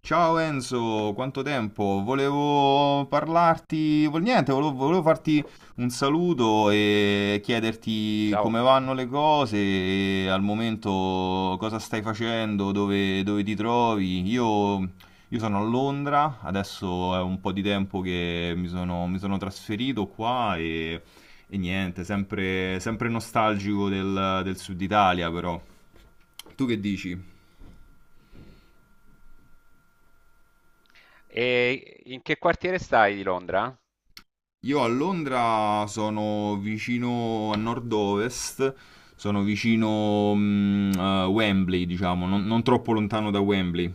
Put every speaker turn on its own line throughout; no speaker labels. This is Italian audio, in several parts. Ciao Enzo, quanto tempo? Volevo parlarti, vol- niente, volevo, volevo farti un saluto e chiederti
Ciao.
come vanno le cose, e al momento cosa stai facendo, dove, dove ti trovi. Io sono a Londra, adesso è un po' di tempo che mi sono trasferito qua e niente, sempre, sempre nostalgico del sud Italia però. Tu che dici?
E in che quartiere stai di Londra?
Io a Londra sono vicino a nord-ovest, sono vicino a Wembley, diciamo, non troppo lontano da Wembley.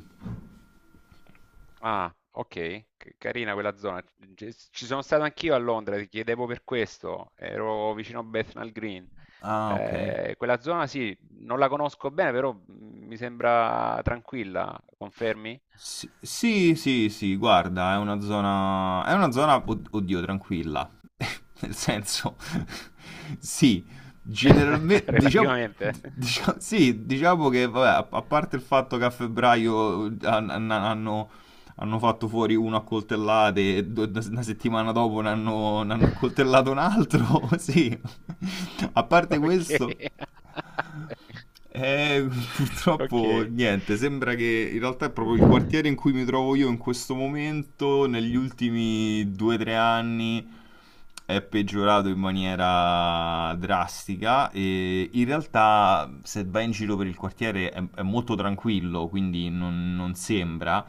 Ah, ok, carina quella zona. Ci sono stato anch'io a Londra, ti chiedevo per questo. Ero vicino a Bethnal Green.
Ah, ok.
Quella zona sì, non la conosco bene, però mi sembra tranquilla, confermi?
Sì, sì, sì, sì, guarda, è una zona, oddio, tranquilla. Nel senso, sì, generalmente, diciamo,
Relativamente.
sì, diciamo che, vabbè, a parte il fatto che a febbraio hanno hanno fatto fuori uno a coltellate e una settimana dopo ne hanno accoltellato un altro, sì. A parte
Ok.
questo, eh,
Ok.
purtroppo niente, sembra che in realtà è proprio il quartiere in cui mi trovo io in questo momento, negli ultimi 2-3 anni, è peggiorato in maniera drastica e in realtà se vai in giro per il quartiere è molto tranquillo, quindi non sembra.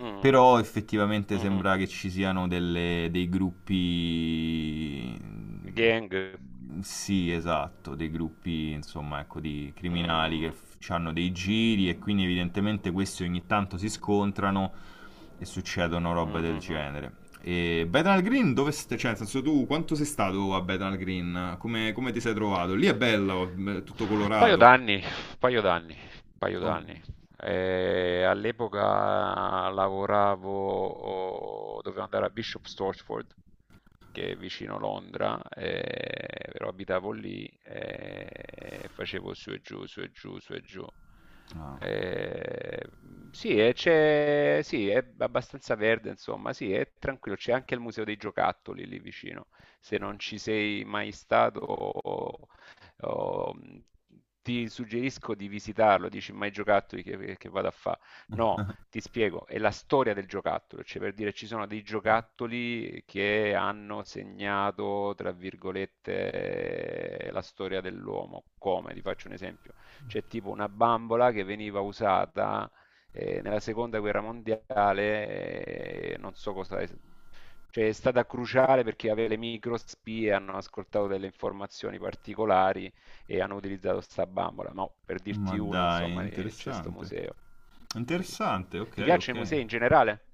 Mm,
Però effettivamente
mhm.
sembra che ci siano dei gruppi...
Gang.
Sì, esatto, dei gruppi, insomma, ecco, di criminali che
Mh.
hanno dei giri e quindi evidentemente questi ogni tanto si scontrano e succedono robe del
Mh-mh-mh.
genere. E Bethnal Green, dove stai? Cioè, nel senso tu quanto sei stato a Bethnal Green? Come, come ti sei trovato? Lì è bello, è tutto
Un paio
colorato.
d'anni, un paio d'anni, un paio
Oh.
d'anni. All'epoca lavoravo, oh, dovevo andare a Bishop Stortford, che è vicino Londra, però abitavo lì e facevo su e giù, su e giù, su e giù.
Ah.
Eh, sì, e c'è, sì, è abbastanza verde, insomma, sì, è tranquillo. C'è anche il Museo dei Giocattoli lì vicino. Se non ci sei mai stato, o ti suggerisco di visitarlo, dici mai giocattoli che vado a fare? No, ti spiego, è la storia del giocattolo, cioè per dire ci sono dei giocattoli che hanno segnato, tra virgolette, la storia dell'uomo. Come? Ti faccio un esempio. C'è tipo una bambola che veniva usata nella seconda guerra mondiale, non so cosa è, cioè è stata cruciale perché aveva le microspie, hanno ascoltato delle informazioni particolari e hanno utilizzato sta bambola, ma per dirti
Ma
una,
dai,
insomma, c'è sto
interessante.
museo. Sì.
Interessante,
Ti
ok,
piacciono i
ok.
musei in generale?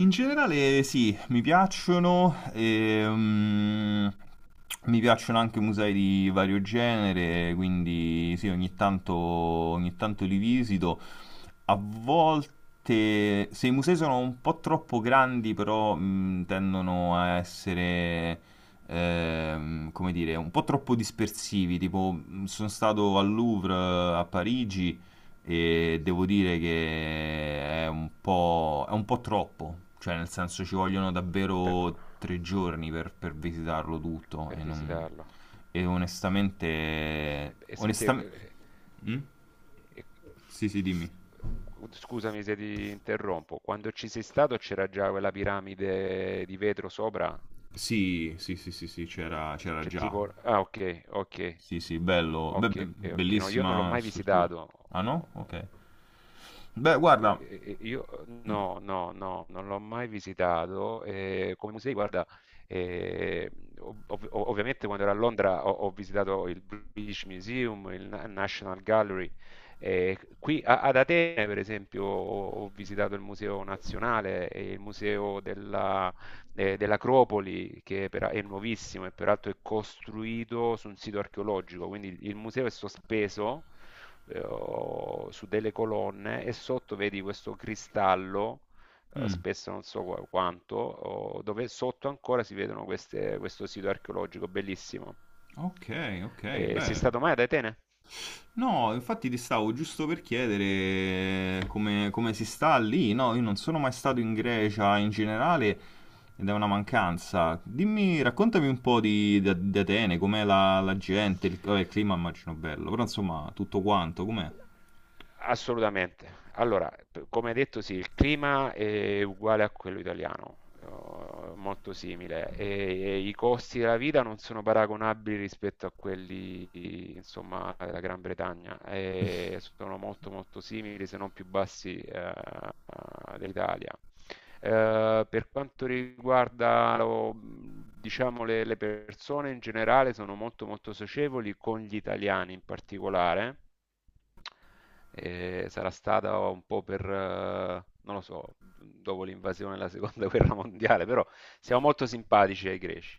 In generale sì, mi piacciono anche musei di vario genere, quindi sì, ogni tanto li visito. A volte, se i musei sono un po' troppo grandi, però tendono a essere, come dire, un po' troppo dispersivi. Tipo, sono stato al Louvre a Parigi e devo dire che è un po' troppo, cioè nel senso ci vogliono
Per,
davvero tre giorni per visitarlo tutto
per
e.
visitarlo.
e onestamente...
E senti,
onestamente... Mm?
eh,
Sì, sì, dimmi.
scusami se ti interrompo, quando ci sei stato c'era già quella piramide di vetro sopra?
Sì, sì, sì, sì, sì, c'era
C'è
già.
tipo... Ah, ok, ok,
Sì, sì, bello. Beh,
ok, ok. No, io non l'ho
bellissima
mai
struttura.
visitato.
Ah no? Ok. Beh, guarda.
Io
Mm,
no, no, no, non l'ho mai visitato. Come musei, guarda, eh, ovviamente quando ero a Londra ho visitato il British Museum, il National Gallery. Qui ad Atene, per esempio, ho visitato il Museo Nazionale e il Museo della, dell'Acropoli, è nuovissimo e peraltro è costruito su un sito archeologico, quindi il museo è sospeso o su delle colonne e sotto vedi questo cristallo,
mm.
spesso non so quanto, dove sotto ancora si vedono questo sito archeologico bellissimo.
Ok, ok,
Sei
beh.
stato mai ad Atene?
No, infatti ti stavo giusto per chiedere come, come si sta lì. No, io non sono mai stato in Grecia in generale ed è una mancanza. Dimmi, raccontami un po' di, di Atene, com'è la, la gente, il, vabbè, il clima immagino bello, però insomma tutto quanto, com'è?
Assolutamente. Allora, come detto, sì, il clima è uguale a quello italiano, molto simile, e i costi della vita non sono paragonabili rispetto a quelli, insomma, della Gran Bretagna, e sono molto molto simili, se non più bassi, dell'Italia. Per quanto riguarda, diciamo, le persone in generale, sono molto molto socievoli con gli italiani in particolare. E sarà stata un po' per, non lo so, dopo l'invasione della seconda guerra mondiale, però siamo molto simpatici ai greci.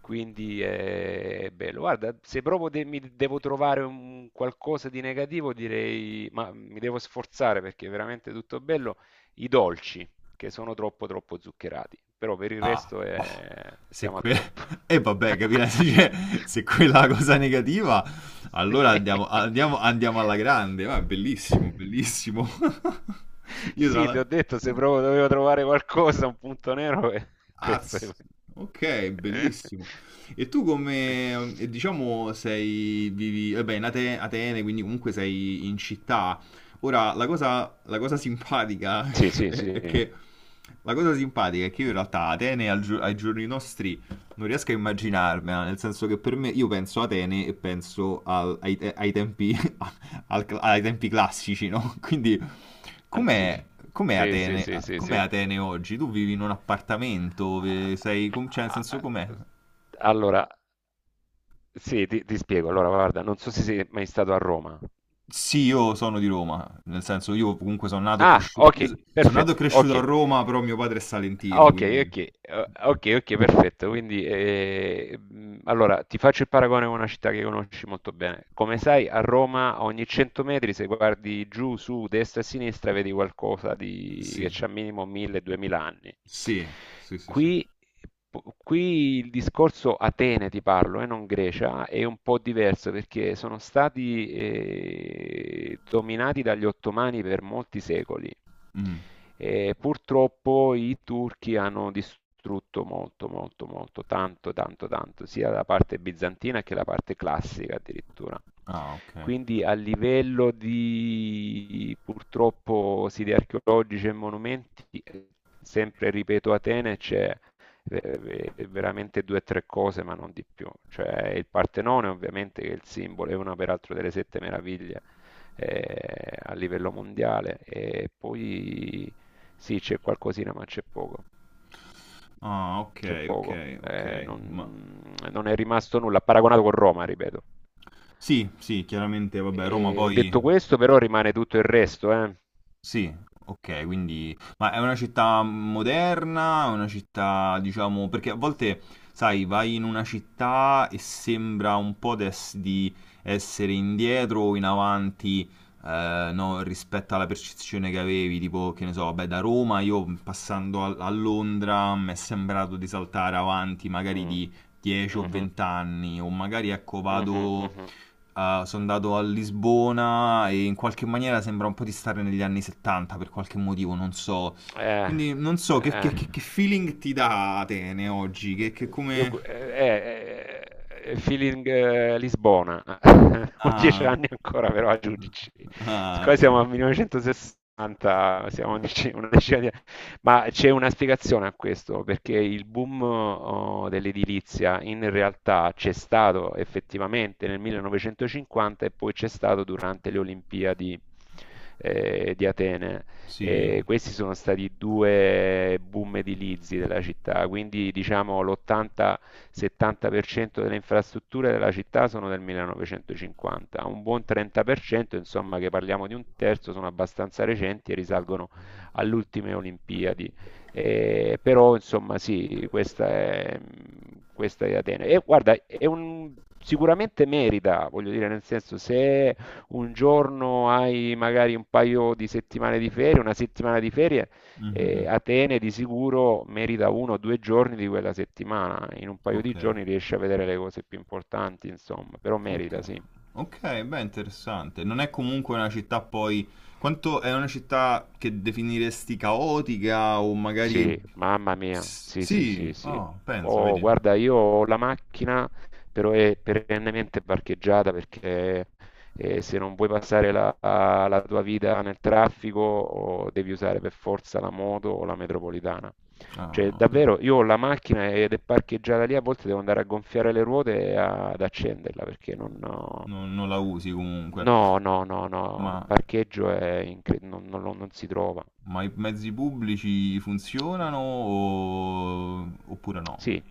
Quindi è bello. Guarda, se proprio mi devo trovare un qualcosa di negativo, direi, ma mi devo sforzare perché è veramente tutto bello, i dolci che sono troppo troppo zuccherati, però per il
Ah,
resto
boh, se
siamo a
quella...
top.
E vabbè, capirai, cioè, se quella è la cosa negativa,
Sì.
allora andiamo, andiamo, andiamo alla grande, va, bellissimo, bellissimo. Io tra
Sì, ti ho
l'altro...
detto se proprio dovevo trovare qualcosa, un punto nero,
Ah,
questo è...
ok, bellissimo. E tu come, diciamo, sei, vivi, vabbè, in Atene, quindi comunque sei in città. Ora, la cosa simpatica
Sì, sì,
è
sì,
che, la cosa simpatica è che io in realtà a Atene al ai giorni nostri non riesco a immaginarmela, nel senso che per me io penso a Atene e penso ai, ai tempi, ai tempi classici, no? Quindi com'è,
antichi.
com'è
Sì, sì,
Atene,
sì, sì,
com'è
sì.
Atene oggi? Tu vivi in un appartamento, sei, cioè nel
Ah,
senso
ah,
com'è?
allora, sì, ti spiego. Allora, guarda, non so se sei mai stato a Roma.
Sì, io sono di Roma, nel senso io comunque sono nato e
Ah,
cresciuto,
ok,
io sono nato e
perfetto,
cresciuto a
ok.
Roma, però mio padre è salentino,
Ok,
quindi...
ok, ok, ok, perfetto. Quindi, allora, ti faccio il paragone con una città che conosci molto bene. Come
Ok,
sai, a Roma a ogni 100 metri, se guardi giù, su, destra e sinistra, vedi qualcosa di... che
sì,
c'ha minimo 1000-2000 anni.
sì, sì, sì, sì.
Qui, qui il discorso Atene, ti parlo, e non Grecia, è un po' diverso perché sono stati dominati dagli ottomani per molti secoli.
Mm.
E purtroppo i turchi hanno distrutto molto, molto, molto, tanto, tanto, tanto, sia la parte bizantina che la parte classica addirittura.
Ah, ok.
Quindi a livello di purtroppo siti archeologici e monumenti, sempre ripeto Atene c'è veramente due o tre cose, ma non di più. Cioè il Partenone ovviamente che è il simbolo, è una peraltro delle sette meraviglie a livello mondiale e poi sì c'è qualcosina ma
Ah, ok,
c'è
ok,
poco.
ok. Ma
Non è rimasto nulla, paragonato con Roma, ripeto.
sì, sì, chiaramente, vabbè, Roma
E
poi...
detto questo, però, rimane tutto il resto, eh.
Sì, ok, quindi... Ma è una città moderna, è una città, diciamo... Perché a volte, sai, vai in una città e sembra un po' di essere indietro o in avanti, no, rispetto alla percezione che avevi, tipo, che ne so, vabbè, da Roma io passando a Londra mi è sembrato di saltare avanti magari
Mm.
di 10 o
Mhm.
20 anni, o magari, ecco,
Mhm,
vado...
mhm.
Sono andato a Lisbona e in qualche maniera sembra un po' di stare negli anni 70 per qualche motivo, non so.
Eh,
Quindi non so che,
eh.
che feeling ti dà Atene oggi, che
Eh,
come...
eh, eh, feeling Lisbona, ho dieci
Ah,
anni ancora però a giudici,
ah,
siccome
ok.
siamo a 1960, siamo a una decina di anni, ma c'è una spiegazione a questo, perché il boom dell'edilizia in realtà c'è stato effettivamente nel 1950 e poi c'è stato durante le Olimpiadi di Atene.
Sì.
E questi sono stati due boom edilizi della città, quindi diciamo l'80-70% delle infrastrutture della città sono del 1950, un buon 30%, insomma che parliamo di un terzo, sono abbastanza recenti e risalgono alle ultime Olimpiadi. Però insomma sì, questa è Atene. E guarda, è un, sicuramente merita, voglio dire, nel senso se un giorno hai magari un paio di settimane di ferie, una settimana di ferie,
Mhm.
Atene di sicuro merita uno o due giorni di quella settimana. In un paio
Ok.
di giorni riesci a vedere le cose più importanti, insomma, però
Ok.
merita, sì.
Ok, beh, interessante. Non è comunque una città poi... Quanto è una città che definiresti caotica o magari...
Sì, mamma mia, sì, sì,
Sì,
sì, sì.
oh, penso,
Oh,
vedi.
guarda, io ho la macchina, però è perennemente parcheggiata perché se non vuoi passare la tua vita nel traffico, devi usare per forza la moto o la metropolitana. Cioè,
Ah, ok.
davvero, io ho la macchina ed è parcheggiata lì, a volte devo andare a gonfiare le ruote e ad accenderla perché non... ho-
Non non la usi comunque,
no, no, no, no,
ma,
il parcheggio è non si trova.
ma i mezzi pubblici funzionano oppure no?
Sì,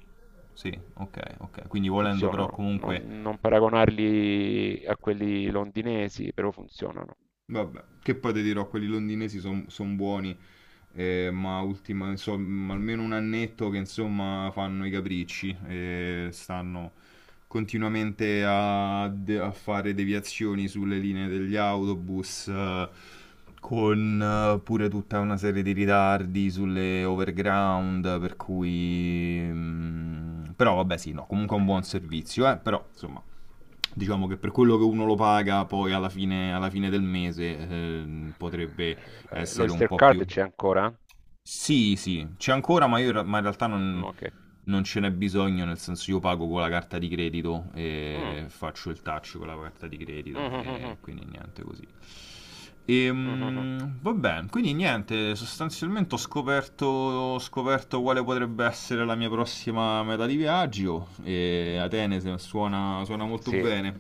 Sì, ok, ok. Quindi volendo però
funzionano, non,
comunque
non paragonarli a quelli londinesi, però funzionano.
vabbè, che poi ti dirò, quelli londinesi sono buoni, ma ultima, insomma, almeno un annetto che insomma fanno i capricci e stanno continuamente a fare deviazioni sulle linee degli autobus, con pure tutta una serie di ritardi sulle overground, per cui... però vabbè sì, no, comunque è un buon servizio, però insomma diciamo che per quello che uno lo paga poi alla fine del mese potrebbe essere un
L'Oyster
po' più...
Card c'è ancora?
Sì, sì, c'è ancora, ma, io, ma in realtà
Mm,
non,
ok.
non ce n'è bisogno, nel senso io pago con la carta di credito
Mm.
e faccio il touch con la carta di credito
Mhm,
e
mhm,
quindi niente così.
mhm, mhm.
Va bene, quindi niente, sostanzialmente ho scoperto quale potrebbe essere la mia prossima meta di viaggio e Atene suona, suona molto
Sì,
bene.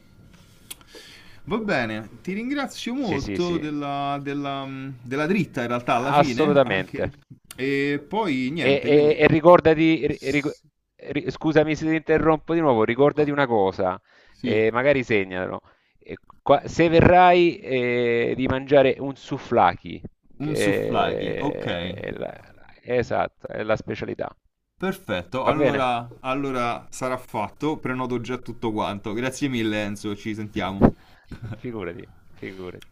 Va bene, ti ringrazio
sì, sì,
molto
sì.
della, della dritta in realtà alla fine,
Assolutamente.
anche. E poi
E,
niente, quindi...
ricordati,
S-
scusami se ti interrompo di nuovo, ricordati
va-
una cosa,
Sì,
magari segnalo. Eh, Se verrai, di mangiare un souvlaki,
un souvlaki, ok,
che è la, esatto, è la specialità.
perfetto,
Va bene?
allora, allora sarà fatto, prenoto già tutto quanto. Grazie mille Enzo, ci sentiamo.
Figurati, figurati.